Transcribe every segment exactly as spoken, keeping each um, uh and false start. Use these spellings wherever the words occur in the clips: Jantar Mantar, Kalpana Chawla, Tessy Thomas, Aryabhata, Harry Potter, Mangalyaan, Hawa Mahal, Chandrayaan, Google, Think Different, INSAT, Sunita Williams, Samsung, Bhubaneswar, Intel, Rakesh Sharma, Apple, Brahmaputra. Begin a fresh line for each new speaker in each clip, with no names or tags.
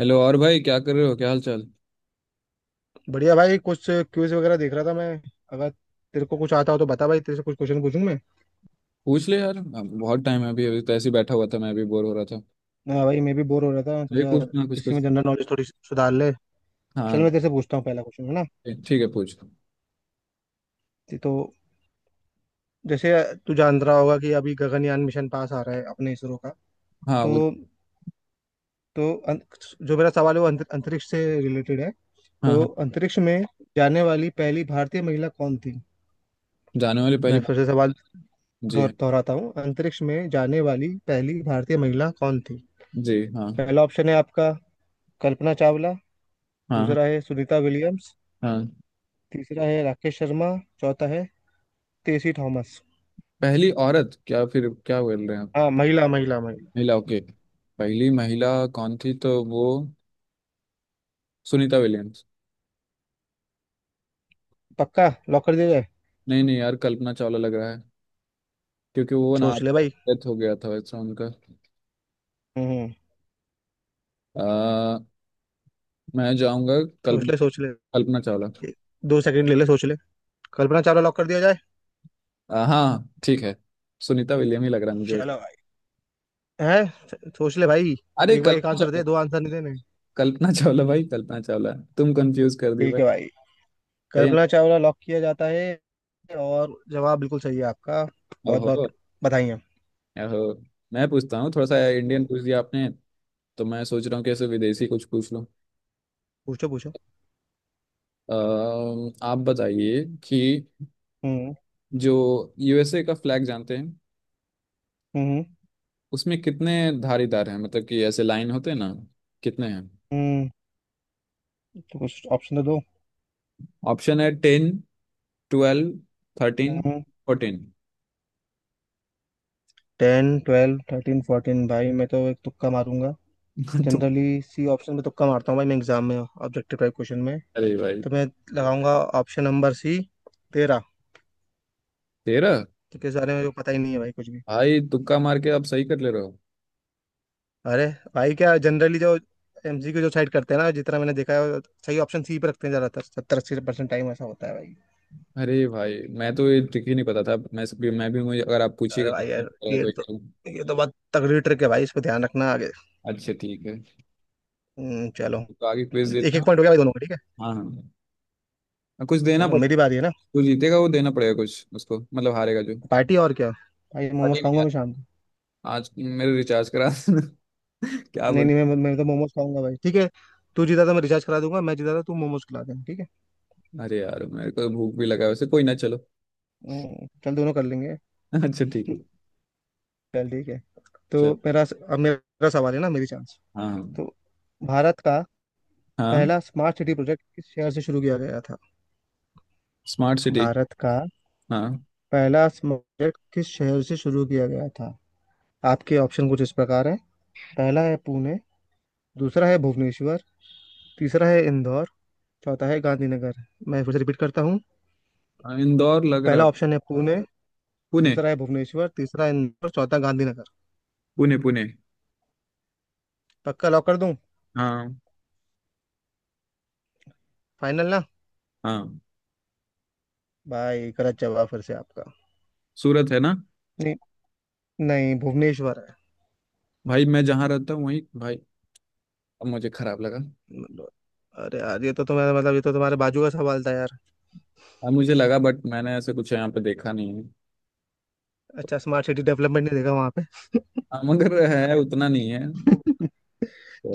Hello और भाई, क्या कर रहे हो? क्या हाल चाल?
बढ़िया भाई। कुछ क्विज वगैरह देख रहा था मैं। अगर तेरे को कुछ आता हो तो बता भाई, तेरे से कुछ क्वेश्चन पूछूं मैं।
पूछ ले यार, अब बहुत टाइम है। अभी अभी तो ऐसे ही बैठा हुआ था, मैं भी बोर हो रहा था।
हाँ भाई मैं भी बोर हो रहा था,
ये
सोचा
कुछ ना कुछ
इसी में
कुछ
जनरल नॉलेज थोड़ी सुधार ले। चल
हाँ
मैं तेरे से पूछता हूँ, पहला क्वेश्चन है ना।
ठीक है, पूछ।
ते- तो जैसे तू जान रहा होगा कि अभी गगनयान मिशन पास आ रहा है अपने इसरो का।
हाँ
तो
वो।
तो अं- जो मेरा सवाल है वो अंत- अंतरिक्ष से रिलेटेड है।
हाँ
तो
हाँ।
अंतरिक्ष में जाने वाली पहली भारतीय महिला कौन थी?
जाने वाली
मैं
पहली बात।
फिर से सवाल
जी।
दोहर- दोहराता हूँ, अंतरिक्ष में जाने वाली पहली भारतीय महिला कौन थी?
जी हाँ।
पहला ऑप्शन है आपका कल्पना चावला।
हाँ। हाँ
दूसरा है सुनीता विलियम्स।
हाँ।
तीसरा है राकेश शर्मा। चौथा है तेसी थॉमस।
पहली औरत? क्या फिर क्या बोल रहे हैं आप?
हाँ, महिला महिला महिला।
महिला, ओके। पहली महिला कौन थी? तो वो सुनीता विलियम्स।
पक्का लॉक कर दिया जाए?
नहीं नहीं यार, कल्पना चावला लग रहा है। क्योंकि वो ना
सोच ले भाई।
डेथ हो गया था वैसा उनका।
हम्म।
आ, मैं जाऊंगा
सोच
कल्पना।
ले, सोच ले।
कल्पना चावला।
एक- दो सेकंड ले ले, सोच ले। कल्पना चावला लॉक कर दिया जाए।
आ, हाँ ठीक है। सुनीता विलियम ही लग रहा है मुझे वैसे।
चलो भाई। है। सोच ले भाई।
अरे
एक बार एक
कल्पना
आंसर दे
चावला।
दो, आंसर नहीं देने।
कल्पना चावला भाई, कल्पना चावला। तुम कंफ्यूज कर दी
ठीक
भाई।
है भाई,
सही है।
कल्पना चावला लॉक किया जाता है। और जवाब बिल्कुल सही है आपका। बहुत
ओहो।
बहुत बधाई हैं।
ओहो। मैं पूछता हूँ, थोड़ा सा इंडियन पूछ दिया आपने, तो मैं सोच रहा हूँ कैसे विदेशी कुछ पूछ लूँ।
पूछो पूछो।
अम, आप बताइए कि
हम्म।
जो यूएसए का फ्लैग जानते हैं,
हम्म।
उसमें कितने धारीदार हैं? मतलब कि ऐसे लाइन होते हैं ना, कितने हैं?
हम्म। तो कुछ ऑप्शन तो दो।
ऑप्शन है ten, twelve, thirteen,
hmm.
Fourteen.
Ten, twelve, thirteen, fourteen, भाई मैं तो एक तुक्का मारूंगा।
तो,
जनरली सी ऑप्शन में तुक्का मारता हूँ भाई मैं, एग्जाम में ऑब्जेक्टिव टाइप क्वेश्चन में।
अरे भाई,
तो मैं लगाऊंगा ऑप्शन नंबर सी, तेरह।
तेरह।
क्योंकि इस बारे में जो पता ही नहीं है भाई कुछ भी।
भाई तुक्का मार के आप सही कर ले रहे हो।
अरे भाई, क्या जनरली जो एमसीक्यू जो साइड करते हैं ना, जितना मैंने देखा है वो सही ऑप्शन सी पे रखते हैं ज्यादातर, सत्तर अस्सी परसेंट टाइम ऐसा होता है भाई।
अरे भाई, मैं तो ये ट्रिक ही नहीं पता था। मैं भी मैं भी मुझे अगर आप
अरे
पूछिएगा तो
भाई यार,
ठीक रहेगा,
ये
तो एक
तो
करूंगा।
ये तो बहुत तगड़ी ट्रिक है भाई, इस पे ध्यान रखना आगे।
अच्छा ठीक है।
हम्म, चलो।
तो आगे क्विज
एक
देना।
एक पॉइंट हो गया भाई, दोनों का ठीक है।
हाँ हाँ, कुछ देना
चलो मेरी
पड़ेगा।
बारी है ना।
जो जीतेगा वो देना पड़ेगा कुछ उसको, मतलब हारेगा जो।
पार्टी और क्या। भाई मोमोज
अरे नहीं
खाऊंगा
यार,
मैं शाम को।
आज मेरे रिचार्ज करा देना। क्या
नहीं
बोल।
नहीं, मैं मैं तो मोमोज खाऊंगा भाई ठीक है। तू जीता तो मैं रिचार्ज करा दूंगा, मैं जीता तो तू मोमोज खिला देना, ठीक है।
अरे यार मेरे को तो भूख भी लगा है वैसे, कोई ना, चलो।
हम्म, चल दोनों कर लेंगे।
अच्छा ठीक है।
चल ठीक है। तो
चल।
मेरा अब मेरा सवाल है ना, मेरी चांस।
हाँ।
तो भारत का
हाँ,
पहला स्मार्ट सिटी प्रोजेक्ट किस शहर से शुरू किया गया था?
Smart city.
भारत का
हाँ।
पहला स्मार्ट प्रोजेक्ट किस शहर से शुरू किया गया था? आपके ऑप्शन कुछ इस प्रकार हैं। पहला है पुणे। दूसरा है भुवनेश्वर। तीसरा है इंदौर। चौथा है गांधीनगर। मैं फिर से रिपीट करता हूँ।
हाँ, इंदौर लग
पहला
रहा।
ऑप्शन है पुणे।
पुणे।
दूसरा है भुवनेश्वर, तीसरा है इंदौर, चौथा गांधीनगर।
पुणे पुणे।
पक्का लॉक कर दूं?
हाँ।
फाइनल ना?
हाँ।
भाई गलत जवाब फिर से आपका।
सूरत है ना?
नहीं नहीं, भुवनेश्वर है।
भाई मैं जहाँ रहता हूँ वहीं भाई। अब मुझे खराब लगा।
मतलब- अरे यार ये तो तुम्हारा मतलब, ये तो तुम्हारे बाजू का सवाल था यार।
अब मुझे लगा, बट मैंने ऐसे कुछ यहाँ पे देखा नहीं है।
अच्छा, स्मार्ट सिटी डेवलपमेंट नहीं देखा वहां पे।
हाँ, मगर है, उतना नहीं है।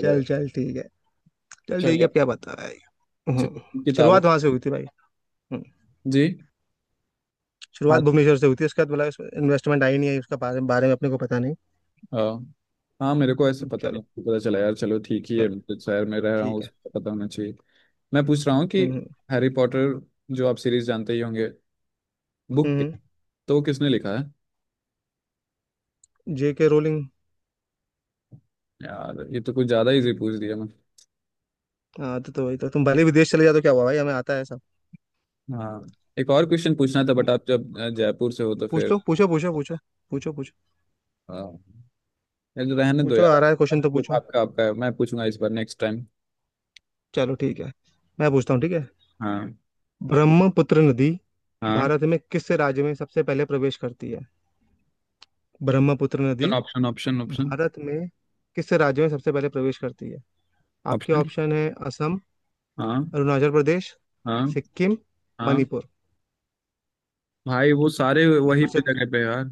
चल चल ठीक है। चल ठीक
चलिए।
है, अब क्या बता रहा है ये? हम्म।
चलिए, किताब।
शुरुआत वहां से हुई थी भाई। हम्म।
जी।
शुरुआत
हाँ।
भुवनेश्वर से हुई थी उसके बाद, मतलब इन्वेस्टमेंट आई नहीं आई उसका बारे, बारे में अपने को पता नहीं।
हाँ। हाँ, मेरे को ऐसे
हम्म,
पता
चलो।
नहीं पता चला यार। चलो ठीक ही है,
चलो
मैं जिस शहर में रह रहा हूँ
ठीक है।
उसको पता होना चाहिए। मैं पूछ रहा हूँ कि
हम्म।
हैरी पॉटर, जो आप सीरीज जानते ही होंगे, बुक के,
हम्म।
तो वो किसने लिखा है?
जे के रोलिंग।
यार ये तो कुछ ज्यादा इजी पूछ दिया मैं।
हाँ तो, तो वही तो, तुम भले विदेश चले जाओ तो क्या हुआ भाई, हमें आता है सब।
हाँ। एक और क्वेश्चन पूछना था बट आप जब अ, जयपुर से हो तो
पूछ लो,
फिर।
पूछो पूछो, पूछो पूछो, पूछो
हाँ। यार रहने दो
पूछो।
यार,
आ रहा है
आप-
क्वेश्चन तो
आपका
पूछो।
आपका है, मैं पूछूंगा इस बार नेक्स्ट टाइम।
चलो ठीक है, मैं पूछता हूँ ठीक है।
हाँ।
ब्रह्मपुत्र नदी
हाँ।
भारत में किस राज्य में सबसे पहले प्रवेश करती है? ब्रह्मपुत्र नदी
ऑप्शन ऑप्शन ऑप्शन।
भारत में किस राज्य में सबसे पहले प्रवेश करती है? आपके
ऑप्शन।
ऑप्शन है असम,
हाँ।
अरुणाचल प्रदेश,
हाँ।
सिक्किम,
हाँ।
मणिपुर।
भाई वो सारे
मैं
वही
फिर से
पे जगह पे यार।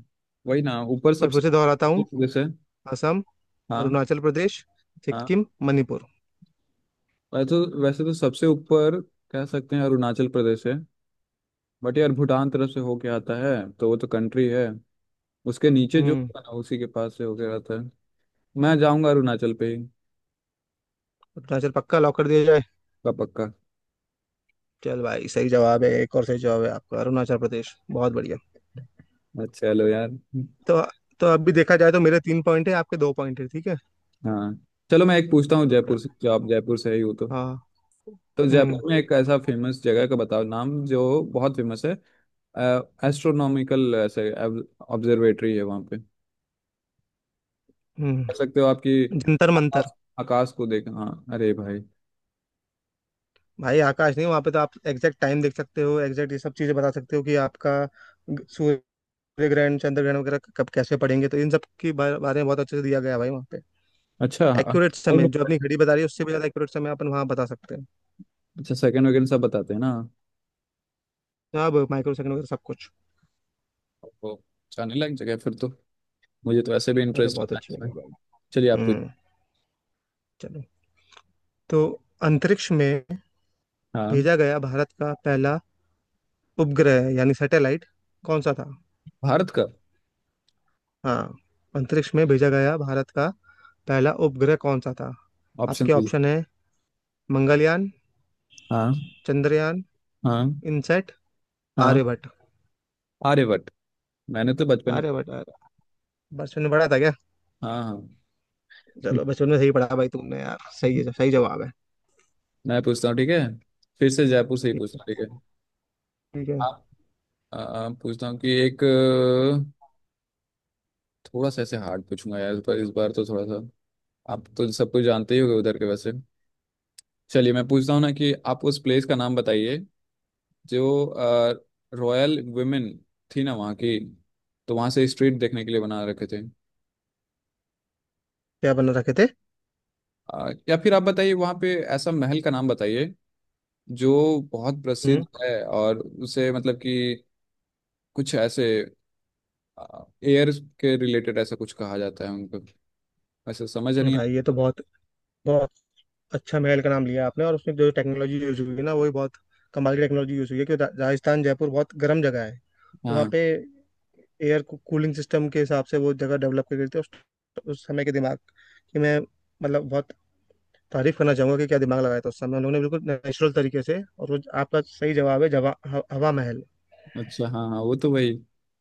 वही ना ऊपर
मैं फिर
सबसे।
से दोहराता हूँ।
जैसे।
असम,
हाँ।
अरुणाचल प्रदेश,
हाँ।
सिक्किम, मणिपुर।
वैसे तो, वैसे तो सबसे ऊपर कह सकते हैं, अरुणाचल प्रदेश है। बट यार भूटान तरफ से होके आता है, तो वो तो कंट्री है। उसके नीचे जो
हम्म।
होता है ना, उसी के पास से होके आता है। मैं जाऊंगा अरुणाचल पे ही।
अरुणाचल पक्का लॉक कर दिया जाए?
पक्का पक्का।
चल भाई सही जवाब है, एक और सही जवाब है आपका, अरुणाचल प्रदेश, बहुत बढ़िया।
अच्छा, चलो यार।
तो तो अब भी देखा जाए तो मेरे तीन पॉइंट है, आपके दो पॉइंट है, ठीक है।
हाँ। चलो मैं एक पूछता हूँ जयपुर से। जो आप जयपुर से ही हो तो
हाँ।
तो
हम्म।
जयपुर में एक ऐसा फेमस जगह का बताओ नाम जो बहुत फेमस है। एस्ट्रोनॉमिकल ऐसे ऑब्जर्वेटरी है वहाँ पे, कह
हम्म।
सकते हो आपकी।
जंतर मंतर।
आकाश। आकाश को देख, हाँ, अरे भाई।
भाई आकाश नहीं, वहां पे तो आप एग्जैक्ट टाइम देख सकते हो, एग्जैक्ट ये सब चीजें बता सकते हो कि आपका ग- सूर्य ग्रहण, चंद्र ग्रहण वगैरह कब कैसे पड़ेंगे, तो इन सब के बारे बारे में बहुत अच्छे से दिया गया है भाई वहाँ पे।
अच्छा। हाँ,
एक्यूरेट समय जो अपनी घड़ी बता रही है उससे भी ज्यादा एक्यूरेट समय अपन वहाँ बता सकते हैं।
अच्छा सेकंड वगैरह सब बताते हैं ना?
अब माइक्रो सेकंड वगैरह सब कुछ।
ओहो, अच्छा नहीं लग जगह है फिर तो। मुझे तो ऐसे भी
अरे
इंटरेस्ट
बहुत
है
अच्छी
science
बात है
में।
भाई।
चलिए आप पूछ।
हम्म। चलो। तो अंतरिक्ष में
हाँ।
भेजा गया भारत का पहला उपग्रह यानी सैटेलाइट कौन सा था?
भारत का।
हाँ अंतरिक्ष में भेजा गया भारत का पहला उपग्रह कौन सा था?
ऑप्शन
आपके
भी।
ऑप्शन है मंगलयान,
हाँ।
चंद्रयान,
हाँ।
इनसेट,
हाँ।
आर्यभट्ट।
आर्यभट्ट। मैंने तो बचपन में।
आर्यभट्ट, आर्य- बचपन में पढ़ा था क्या?
हाँ।
चलो बचपन में सही पढ़ा भाई तुमने यार, सही
हाँ।
है, सही जवाब है।
मैं पूछता हूँ, ठीक है? फिर से जयपुर से ही
ठीक
पूछता
है
हूँ, ठीक है?
ठीक है।
आप, आ, पूछता हूँ कि एक अ, थोड़ा सा ऐसे हार्ड पूछूंगा यार, पर इस बार तो थोड़ा सा। आप तो सब कुछ जानते ही होगे उधर के वैसे। चलिए मैं पूछता हूँ ना कि आप उस प्लेस का नाम बताइए, जो रॉयल वुमेन थी ना वहाँ की, तो वहाँ से स्ट्रीट देखने के लिए बना रखे थे।
क्या बना रखे थे?
अ, या फिर आप बताइए वहाँ पे ऐसा महल का नाम बताइए, जो बहुत प्रसिद्ध
हम्म।
है, और उसे मतलब कि कुछ ऐसे एयर के रिलेटेड ऐसा कुछ कहा जाता है उनको। ऐसा समझ नहीं
भाई ये तो
आ।
बहुत बहुत अच्छा महल का नाम लिया आपने, और उसमें जो टेक्नोलॉजी यूज हुई है ना वही बहुत कमाल की टेक्नोलॉजी यूज हुई है, क्योंकि रा- राजस्थान जयपुर बहुत गर्म जगह है। तो वहाँ
हाँ।
पे एयर कूलिंग सिस्टम के हिसाब से वो जगह डेवलप कर गई थी उस, उस समय के दिमाग, कि मैं मतलब बहुत तारीफ करना चाहूंगा कि क्या दिमाग लगाया था उस समय उन्होंने बिल्कुल नेचुरल तरीके से, और वो आपका सही जवाब है, जवा ह- हवा महल।
अच्छा हाँ हाँ, वो तो वही।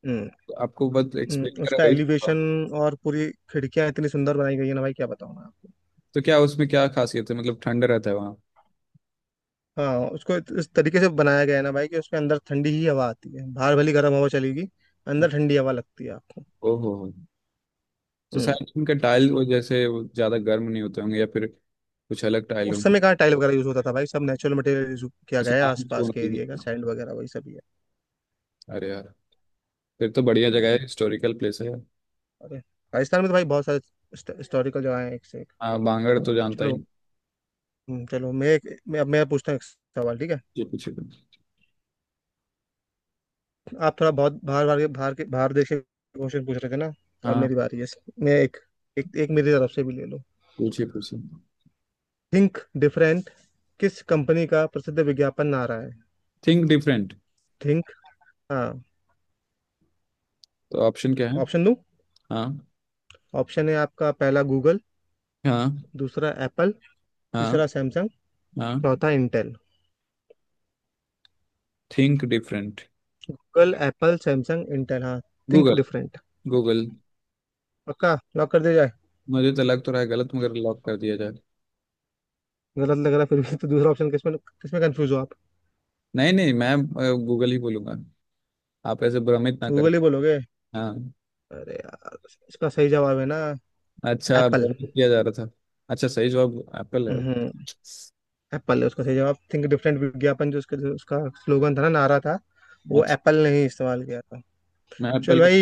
हम्म।
आपको बस एक्सप्लेन
हम्म,
करा
उसका
वही।
एलिवेशन और पूरी खिड़कियां इतनी सुंदर बनाई गई है ना भाई, क्या बताऊं मैं आपको।
तो क्या उसमें क्या खासियत है? मतलब ठंड रहता है वहाँ?
हाँ उसको इत- इस तरीके से बनाया गया है ना भाई कि उसके अंदर ठंडी ही हवा आती है, बाहर भली गर्म हवा चलेगी, अंदर ठंडी हवा लगती है आपको।
ओहो हो। तो
हम्म।
शायद उनका टाइल वो, जैसे वो ज्यादा गर्म नहीं होते होंगे, या फिर कुछ अलग टाइल हो।
उस समय कहाँ टाइल वगैरह यूज होता था भाई, सब नेचुरल मटेरियल यूज किया गया
अच्छा,
है,
बांग तो
आसपास
होना
के एरिया का
चाहिए।
सैंड वगैरह वही सब ही है।
अरे यार, फिर तो बढ़िया
हम्म,
जगह है, हिस्टोरिकल प्लेस है यार।
अरे राजस्थान में तो भाई बहुत सारे हिस्टोरिकल जगह है, एक से एक।
हाँ, बांगड़ तो जानता
चलो।
ही।
हम्म, चलो मैं एक मैं अब मैं पूछता हूँ एक सवाल ठीक है।
ये पूछिए पूछिए।
आप थोड़ा बहुत बाहर बाहर के बाहर के बाहर देश के क्वेश्चन पूछ रहे थे ना, तो अब
हाँ।
मेरी बारी है। मैं एक, एक, एक मेरी तरफ से भी ले लो।
पूछिए पूछिए।
थिंक डिफरेंट किस कंपनी का प्रसिद्ध विज्ञापन नारा है?
Think different.
थिंक, हाँ।
तो ऑप्शन क्या है?
ऑप्शन दो।
हाँ।
ऑप्शन है आपका पहला गूगल,
हाँ।
दूसरा एप्पल,
हाँ।
तीसरा सैमसंग,
हाँ।
चौथा Intel.
Think different.
Google, Apple, Samsung, Intel, हाँ। Think
Google.
डिफरेंट।
गूगल।
पक्का लॉक कर दिया जाए?
मुझे तो लग तो रहा है गलत, मगर लॉक कर दिया जाए।
गलत लग रहा है फिर भी तो, दूसरा ऑप्शन किसमें, किसमें कंफ्यूज हो आप?
नहीं नहीं, मैं गूगल ही बोलूंगा। आप ऐसे भ्रमित ना करें।
गूगल ही बोलोगे?
हाँ।
अरे यार, इसका सही जवाब है ना
अच्छा,
एप्पल।
भ्रमित किया जा रहा था। अच्छा, सही जवाब एप्पल है।
हम्म। एप्पल है उसका सही जवाब, थिंक डिफरेंट विज्ञापन, जो उसका जो उसका स्लोगन था ना, नारा था, वो
अच्छा,
एप्पल ने ही इस्तेमाल किया था।
मैं
चल
एप्पल को।
भाई,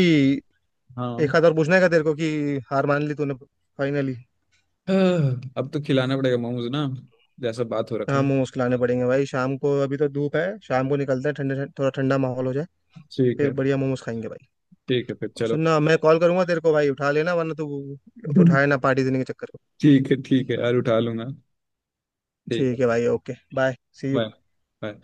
हाँ।
एक हाथ और पूछना है क्या तेरे को, कि हार मान ली तूने फाइनली।
आह, अब तो खिलाना पड़ेगा मोमोज ना, जैसा बात हो रखा
हाँ
है।
मोमोज खिलाने पड़ेंगे भाई शाम को, अभी तो धूप है, शाम को निकलते हैं, ठंडे थोड़ा ठंडा माहौल हो जाए।
ठीक
फिर
है।
बढ़िया मोमोज खाएंगे भाई।
ठीक है फिर,
और
चलो।
सुनना, मैं कॉल करूंगा तेरे को भाई, उठा लेना वरना तू उठाए ना पार्टी देने के चक्कर में।
ठीक है ठीक है यार, उठा लूंगा। ठीक है।
ठीक है भाई okay bye. See.
Bye. Bye.